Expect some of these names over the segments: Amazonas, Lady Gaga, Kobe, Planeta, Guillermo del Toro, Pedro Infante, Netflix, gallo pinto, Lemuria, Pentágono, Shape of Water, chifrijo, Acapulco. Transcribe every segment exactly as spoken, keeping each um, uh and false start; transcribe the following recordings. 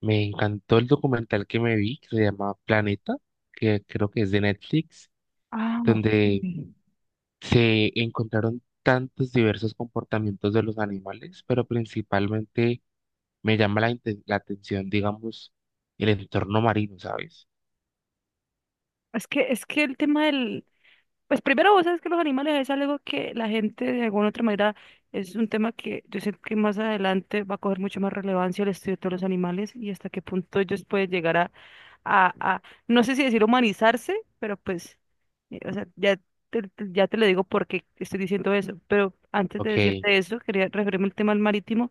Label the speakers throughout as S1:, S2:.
S1: Me encantó el documental que me vi, que se llama Planeta, que creo que es de Netflix,
S2: Ah,
S1: donde
S2: ok.
S1: se encontraron tantos diversos comportamientos de los animales, pero principalmente me llama la, inte- la atención, digamos, el entorno marino, ¿sabes?
S2: Es que, es que el tema del, pues primero vos sabes que los animales es algo que la gente de alguna otra manera es un tema que yo sé que más adelante va a coger mucho más relevancia el estudio de todos los animales y hasta qué punto ellos pueden llegar a, a, a no sé si decir humanizarse, pero pues, eh, o sea, ya te, te- ya te lo digo porque estoy diciendo eso, pero antes de
S1: Ok,
S2: decirte eso, quería referirme al tema del marítimo,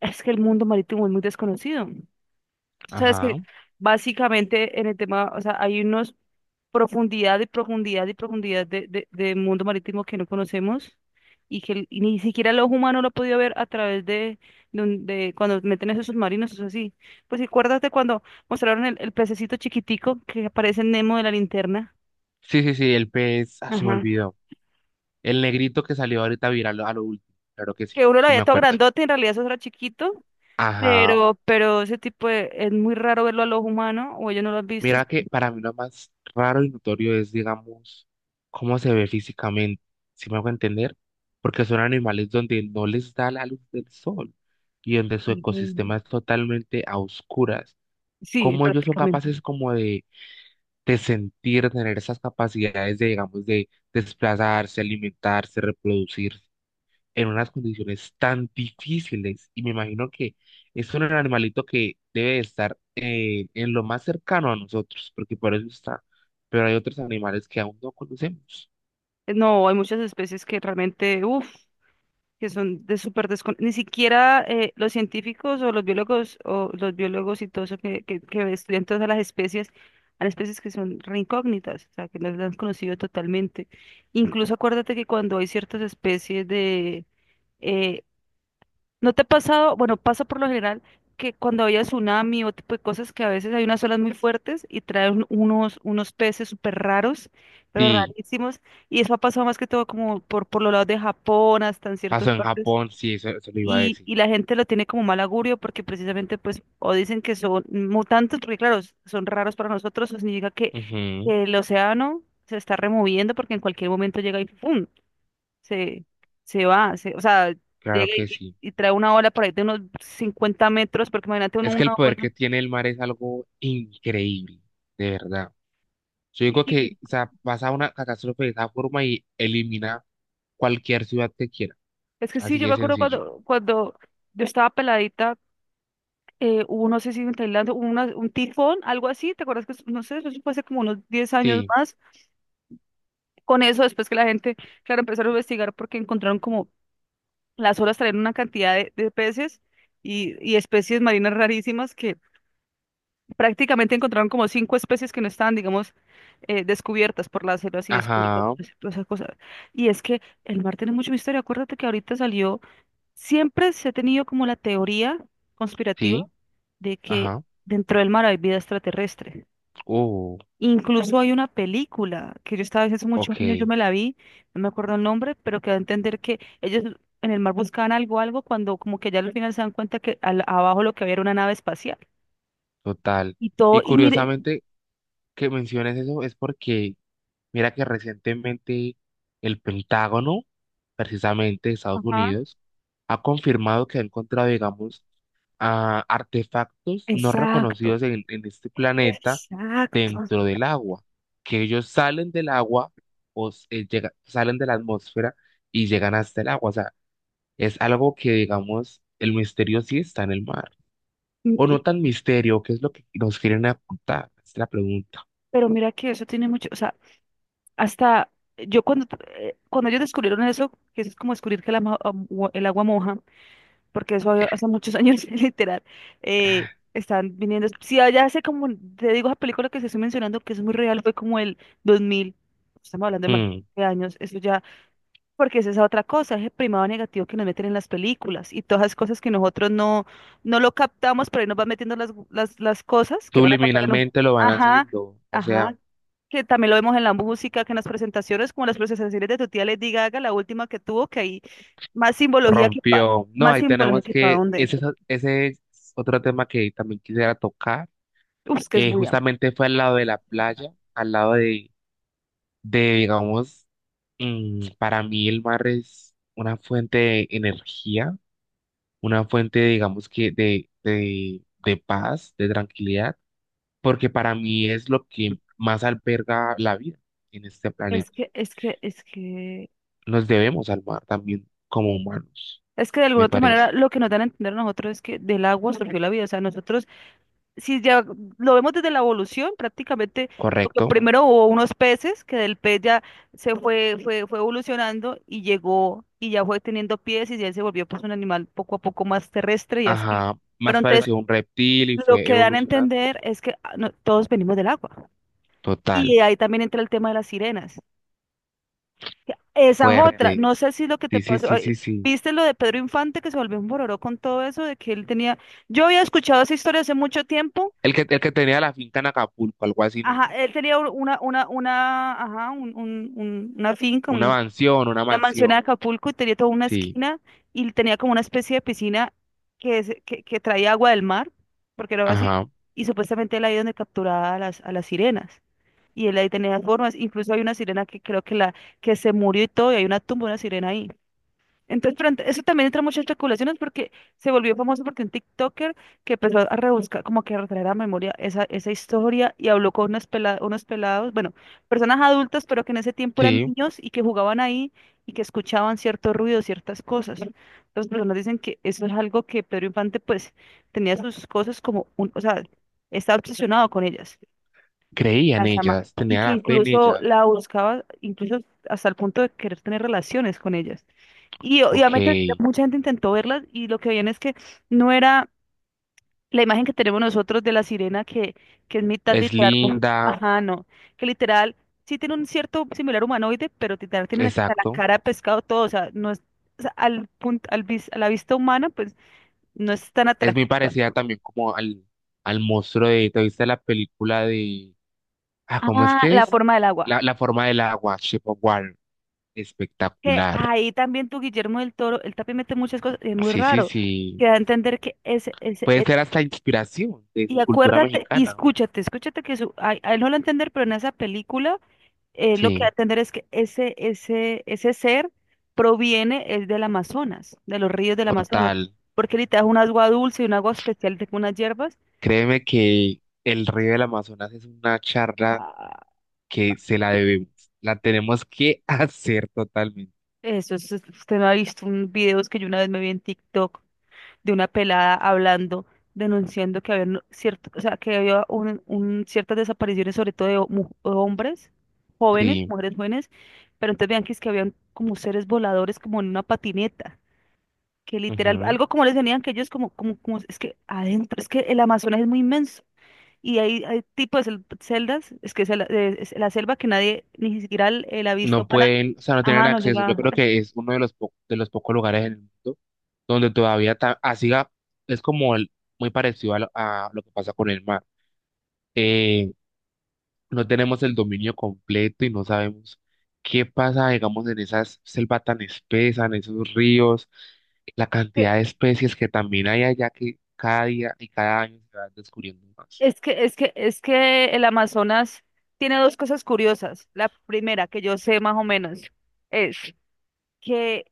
S2: es que el mundo marítimo es muy desconocido. Tú sabes que
S1: ajá.
S2: básicamente en el tema, o sea, hay unos profundidad y profundidad y profundidad de, de, de mundo marítimo que no conocemos y que el- y ni siquiera el ojo humano lo ha podido ver a través de, de, un- de cuando meten esos submarinos, eso así. Pues acuérdate cuando mostraron el, el pececito chiquitico que aparece en Nemo de la linterna.
S1: Sí, sí, sí, el pez, ah, se me
S2: Ajá.
S1: olvidó. El negrito que salió ahorita viral a lo último, claro que
S2: Que
S1: sí,
S2: uno lo
S1: sí
S2: veía
S1: me
S2: todo
S1: acuerdo.
S2: grandote, en realidad eso era chiquito,
S1: Ajá.
S2: pero, pero ese tipo de- es muy raro verlo al ojo humano o ellos no lo han visto.
S1: Mira que para mí lo más raro y notorio es, digamos, cómo se ve físicamente, si me hago entender, porque son animales donde no les da la luz del sol y donde su
S2: Ujú.
S1: ecosistema es totalmente a oscuras.
S2: Sí,
S1: Cómo ellos son
S2: prácticamente.
S1: capaces como de, de sentir, tener esas capacidades de, digamos, de desplazarse, alimentarse, reproducirse en unas condiciones tan difíciles. Y me imagino que es un animalito que debe de estar eh, en lo más cercano a nosotros, porque por eso está. Pero hay otros animales que aún no conocemos.
S2: No, hay muchas especies que realmente, uff, que son de súper descon... Ni siquiera eh, los científicos o los biólogos o los biólogos y todo eso que, que, que estudian todas las especies, hay especies que son re incógnitas, o sea, que no las han conocido totalmente. Incluso acuérdate que cuando hay ciertas especies de... eh, ¿no te ha pasado? Bueno, pasa por lo general que cuando había tsunami o tipo de cosas que a veces hay unas olas muy fuertes y traen unos, unos peces súper raros, pero
S1: Sí,
S2: rarísimos, y eso ha pasado más que todo como por, por los lados de Japón, hasta en ciertas
S1: pasó en
S2: partes
S1: Japón, sí, eso, eso lo iba a
S2: y,
S1: decir.
S2: y la gente lo tiene como mal augurio porque precisamente pues o dicen que son mutantes, porque claro, s- son raros para nosotros, eso significa que
S1: Ujú,
S2: el océano se está removiendo porque en cualquier momento llega y ¡pum! se, se va, se- o sea,
S1: claro
S2: llega
S1: que
S2: y,
S1: sí.
S2: y trae una ola por ahí de unos cincuenta metros, porque imagínate uno-
S1: Es que el
S2: una
S1: poder
S2: ola.
S1: que tiene el mar es algo increíble, de verdad. Yo digo
S2: Y
S1: que, o sea, pasa una catástrofe de esa forma y elimina cualquier ciudad que quiera.
S2: es que sí,
S1: Así
S2: yo
S1: de
S2: me acuerdo
S1: sencillo.
S2: cuando, cuando yo estaba peladita, eh, hubo, no sé si en Tailandia, hubo una- un tifón, algo así, ¿te acuerdas que, es- no sé, eso fue hace como unos diez años
S1: Sí,
S2: más? Con eso, después que la gente, claro, empezaron a investigar porque encontraron como las olas traían una cantidad de, de peces y, y especies marinas rarísimas que prácticamente encontraron como cinco especies que no estaban, digamos, eh, descubiertas por las olas y descubrieron
S1: ajá,
S2: pues, todas esas cosas. Y es que el mar tiene mucho misterio. Acuérdate que ahorita salió, siempre se ha tenido como la teoría conspirativa
S1: sí,
S2: de que
S1: ajá.
S2: dentro del mar hay vida extraterrestre.
S1: Oh,
S2: Incluso hay una película que yo estaba hace hace
S1: ok,
S2: muchos años, yo me la vi, no me acuerdo el nombre, pero que da a entender que ellos en el mar buscaban algo, algo, cuando como que ya al final se dan cuenta que al- abajo lo que había era una nave espacial.
S1: total.
S2: Y todo,
S1: Y
S2: y mire,
S1: curiosamente que menciones eso es porque, mira que recientemente el Pentágono, precisamente de Estados
S2: ajá,
S1: Unidos, ha confirmado que ha encontrado, digamos, ah, artefactos no
S2: exacto,
S1: reconocidos en, en este planeta
S2: exacto.
S1: dentro del agua, que ellos salen del agua o s- eh, llega- salen de la atmósfera y llegan hasta el agua. O sea, es algo que, digamos, el misterio sí está en el mar.
S2: Y-
S1: O no
S2: y-
S1: tan misterio, ¿qué es lo que nos quieren apuntar? Es la pregunta.
S2: pero mira que eso tiene mucho, o sea, hasta yo cuando, eh, cuando ellos descubrieron eso, que eso es como descubrir que el ama- am- ua- el agua, moja porque eso había- hace muchos años, literal, eh, están viniendo. Si allá hace como, te digo, esa película que se estoy mencionando, que es muy real, fue como el dos mil, estamos hablando de más
S1: Mm,
S2: de años, eso ya, porque es esa otra cosa, ese primado negativo que nos meten en las películas y todas esas cosas que nosotros no, no lo captamos, pero ahí nos van metiendo las, las, las cosas que van a pasar en un...
S1: subliminalmente lo van
S2: Ajá,
S1: haciendo, o sea,
S2: ajá, que también lo vemos en la música, que en las presentaciones, como las presentaciones de tu tía Lady Gaga, la última que tuvo, que hay más simbología que para,
S1: rompió. No,
S2: más
S1: ahí
S2: simbología
S1: tenemos
S2: que para
S1: que,
S2: dónde.
S1: ese, es o- ese es otro tema que también quisiera tocar.
S2: Uf, es que es
S1: Eh,
S2: muy amplio.
S1: justamente fue al lado de la playa, al lado de, de digamos, mm, para mí el mar es una fuente de energía, una fuente, digamos, que de, de, de paz, de tranquilidad porque para mí es lo que más alberga la vida en este
S2: Es
S1: planeta.
S2: que, es que, es que,
S1: Nos debemos al mar también como humanos,
S2: es que de
S1: me
S2: alguna otra
S1: parece.
S2: manera lo que nos dan a entender a nosotros es que del agua surgió la vida. O sea, nosotros si ya lo vemos desde la evolución, prácticamente lo que
S1: ¿Correcto?
S2: primero hubo unos peces, que del pez ya se fue, fue, fue evolucionando y llegó y ya fue teniendo pies y ya se volvió pues un animal poco a poco más terrestre y así.
S1: Ajá,
S2: Pero
S1: más
S2: entonces
S1: pareció un reptil y
S2: lo
S1: fue
S2: que dan a
S1: evolucionando.
S2: entender es que ah, no- todos venimos del agua.
S1: Total,
S2: Y ahí también entra el tema de las sirenas. Que esa es otra,
S1: fuerte.
S2: no sé si lo que te
S1: Sí, sí,
S2: pasó,
S1: sí,
S2: ay,
S1: sí, sí.
S2: viste lo de Pedro Infante que se volvió un bororó con todo eso, de que él tenía, yo había escuchado esa historia hace mucho tiempo.
S1: El que, el que tenía la finca en Acapulco, algo así, ¿no?
S2: Ajá, él tenía un- una, una, una, ajá, un, un- un- una finca,
S1: Una
S2: un-
S1: mansión, una
S2: una mansión en
S1: mansión.
S2: Acapulco y tenía toda una
S1: Sí,
S2: esquina y tenía como una especie de piscina que, se- que, que traía agua del mar, porque era así,
S1: ajá,
S2: y supuestamente él ahí donde capturaba a las, a las sirenas. Y él ahí tenía las formas, incluso hay una sirena que creo que la que se murió y todo, y hay una tumba de una sirena ahí. Entonces, pero ent- eso también entra muchas especulaciones porque se volvió famoso porque un TikToker que empezó a rebuscar, como que a retraer a memoria esa, esa historia y habló con unos, pela- unos pelados, bueno, personas adultas, pero que en ese tiempo eran
S1: sí.
S2: niños y que jugaban ahí y que escuchaban cierto ruido, ciertas cosas. Las personas dicen que eso es algo que Pedro Infante, pues, tenía sus cosas como un, o sea, estaba obsesionado con ellas,
S1: Creía en
S2: las ama,
S1: ellas,
S2: y
S1: tenía
S2: que
S1: la fe en
S2: incluso
S1: ellas.
S2: la buscaba, incluso hasta el punto de querer tener relaciones con ellas. Y
S1: Ok,
S2: obviamente mucha gente intentó verlas y lo que veían es que no era la imagen que tenemos nosotros de la sirena que, que es mitad
S1: es
S2: literal. Mo-
S1: linda,
S2: ajá, no. Que literal sí tiene un cierto similar humanoide, pero literal tiene la, la
S1: exacto.
S2: cara de pescado todo. O sea, no es, o sea, al punto, al vis- a la vista humana, pues no es tan
S1: Es muy
S2: atractiva.
S1: parecida también como al, al monstruo de, ¿te viste la película de, ah, ¿cómo es
S2: Ah,
S1: que
S2: la
S1: es?
S2: forma del agua.
S1: La, la forma del agua, Shape of Water,
S2: Que
S1: espectacular.
S2: ahí también tu Guillermo del Toro, él también mete muchas cosas, es muy
S1: Sí, sí,
S2: raro,
S1: sí.
S2: que da a entender que es,
S1: Puede ser hasta inspiración de su
S2: y
S1: cultura
S2: acuérdate, y
S1: mexicana.
S2: escúchate, escúchate que su, a, a él no lo va a entender, pero en esa película eh, lo que va a
S1: Sí,
S2: entender es que ese, ese, ese ser proviene es del Amazonas, de los ríos del Amazonas,
S1: total.
S2: porque él te da un agua dulce y un agua especial de unas hierbas.
S1: Créeme que el río del Amazonas es una charla
S2: Ah,
S1: que se la debemos. La tenemos que hacer totalmente.
S2: eso es- usted me ha visto un videos que yo una vez me vi en TikTok, de una pelada hablando, denunciando que había no- cierto, o sea, que había un, un- ciertas desapariciones, sobre todo de ho- mu- hombres jóvenes,
S1: Sí.
S2: mujeres jóvenes, pero entonces vean que es que habían como seres voladores como en una patineta, que literal,
S1: Ujú.
S2: algo como les venían que ellos como, como, como, es que adentro, es que el Amazonas es muy inmenso. Y hay, hay tipos de cel- celdas, es que es la, es la selva que nadie, ni siquiera el- la vista
S1: No
S2: humana,
S1: pueden, o sea, no tienen
S2: ajá, no
S1: acceso. Yo
S2: llega.
S1: creo que es uno de los, po- de los pocos lugares en el mundo donde todavía ta- así ga- es como el- muy parecido a lo, a lo que pasa con el mar. Eh, no tenemos el dominio completo y no sabemos qué pasa, digamos, en esas selvas tan espesas, en esos ríos, la cantidad de especies que también hay allá que cada día y cada año se van descubriendo más.
S2: Es que, es que, es que el Amazonas tiene dos cosas curiosas. La primera, que yo sé más o menos, es que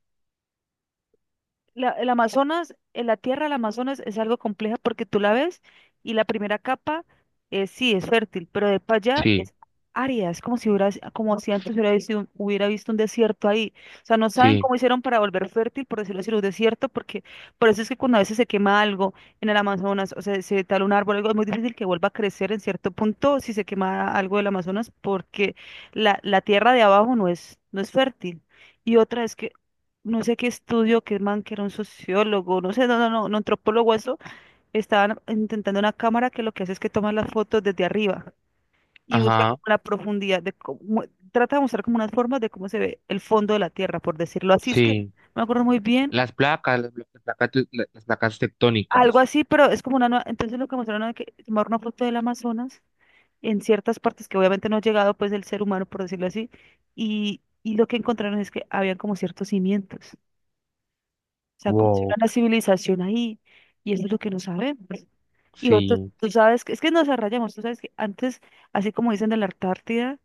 S2: la, el Amazonas, eh, la tierra del Amazonas es algo compleja porque tú la ves y la primera capa eh, sí es fértil, pero de para allá
S1: Sí,
S2: es árida, es como si hubiera, como si antes hubiera visto, un- hubiera visto un desierto ahí. O sea, no saben
S1: sí,
S2: cómo hicieron para volver fértil, por decirlo así, un desierto, porque por eso es que cuando a veces se quema algo en el Amazonas, o sea, se tal un árbol, algo, es muy difícil que vuelva a crecer en cierto punto si se quema algo del Amazonas, porque la, la tierra de abajo no es, no es fértil. Y otra es que no sé qué estudio, que el man, que era un sociólogo, no sé, no, no, no, un antropólogo, eso, estaban intentando una cámara que lo que hace es que toma las fotos desde arriba y busca
S1: ajá,
S2: como la profundidad de cómo, trata de mostrar como unas formas de cómo se ve el fondo de la Tierra, por decirlo así, es que no
S1: sí.
S2: me acuerdo muy bien,
S1: Las placas, las, las placas, te- las placas
S2: algo
S1: tectónicas.
S2: así, pero es como una nueva, entonces lo que mostraron es que tomar una foto del Amazonas en ciertas partes que obviamente no ha llegado pues el ser humano, por decirlo así, y, y lo que encontraron es que habían como ciertos cimientos. O sea, como si hubiera
S1: Wow,
S2: una civilización ahí, y eso es lo que no sabemos. Y otros,
S1: sí,
S2: tú sabes que, es que nos arrayamos, tú sabes que antes, así como dicen de la Antártida,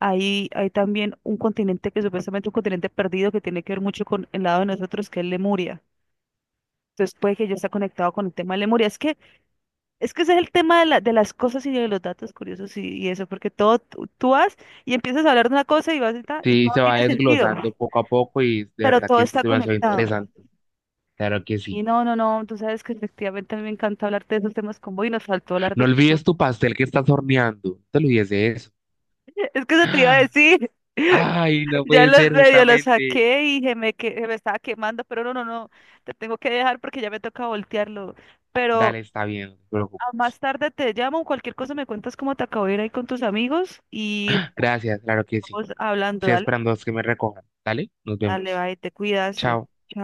S2: hay, hay también un continente que supuestamente un continente perdido que tiene que ver mucho con el lado de nosotros, que es Lemuria. Entonces puede que ya está conectado con el tema de Lemuria. Es que, es que ese es el tema de, la- de las cosas y de los datos curiosos y, y eso, porque todo, tú, tú vas y empiezas a hablar de una cosa y vas y, ta, y
S1: sí,
S2: todo
S1: se va
S2: tiene sentido,
S1: desglosando poco a poco y de
S2: pero eh,
S1: verdad
S2: todo
S1: que es
S2: está
S1: demasiado
S2: conectado.
S1: interesante. Claro que
S2: Y
S1: sí.
S2: no, no, no, tú sabes que efectivamente a mí me encanta hablar de esos temas con vos y nos faltó hablar
S1: No
S2: de...
S1: olvides tu pastel que estás horneando, no te olvides de eso.
S2: Es que eso te iba a decir.
S1: Ay, no
S2: Ya
S1: puede
S2: los
S1: ser
S2: medio los
S1: justamente.
S2: saqué y se me, que, se me estaba quemando, pero no, no, no, te tengo que dejar porque ya me toca voltearlo. Pero
S1: Dale, está bien, no te
S2: a
S1: preocupes.
S2: más tarde te llamo, cualquier cosa me cuentas cómo te acabó de ir ahí con tus amigos y
S1: Gracias, claro que sí.
S2: vamos hablando,
S1: Estoy
S2: dale,
S1: esperando a que me recojan. Dale, nos
S2: dale,
S1: vemos.
S2: bye, te cuidas.
S1: Chao.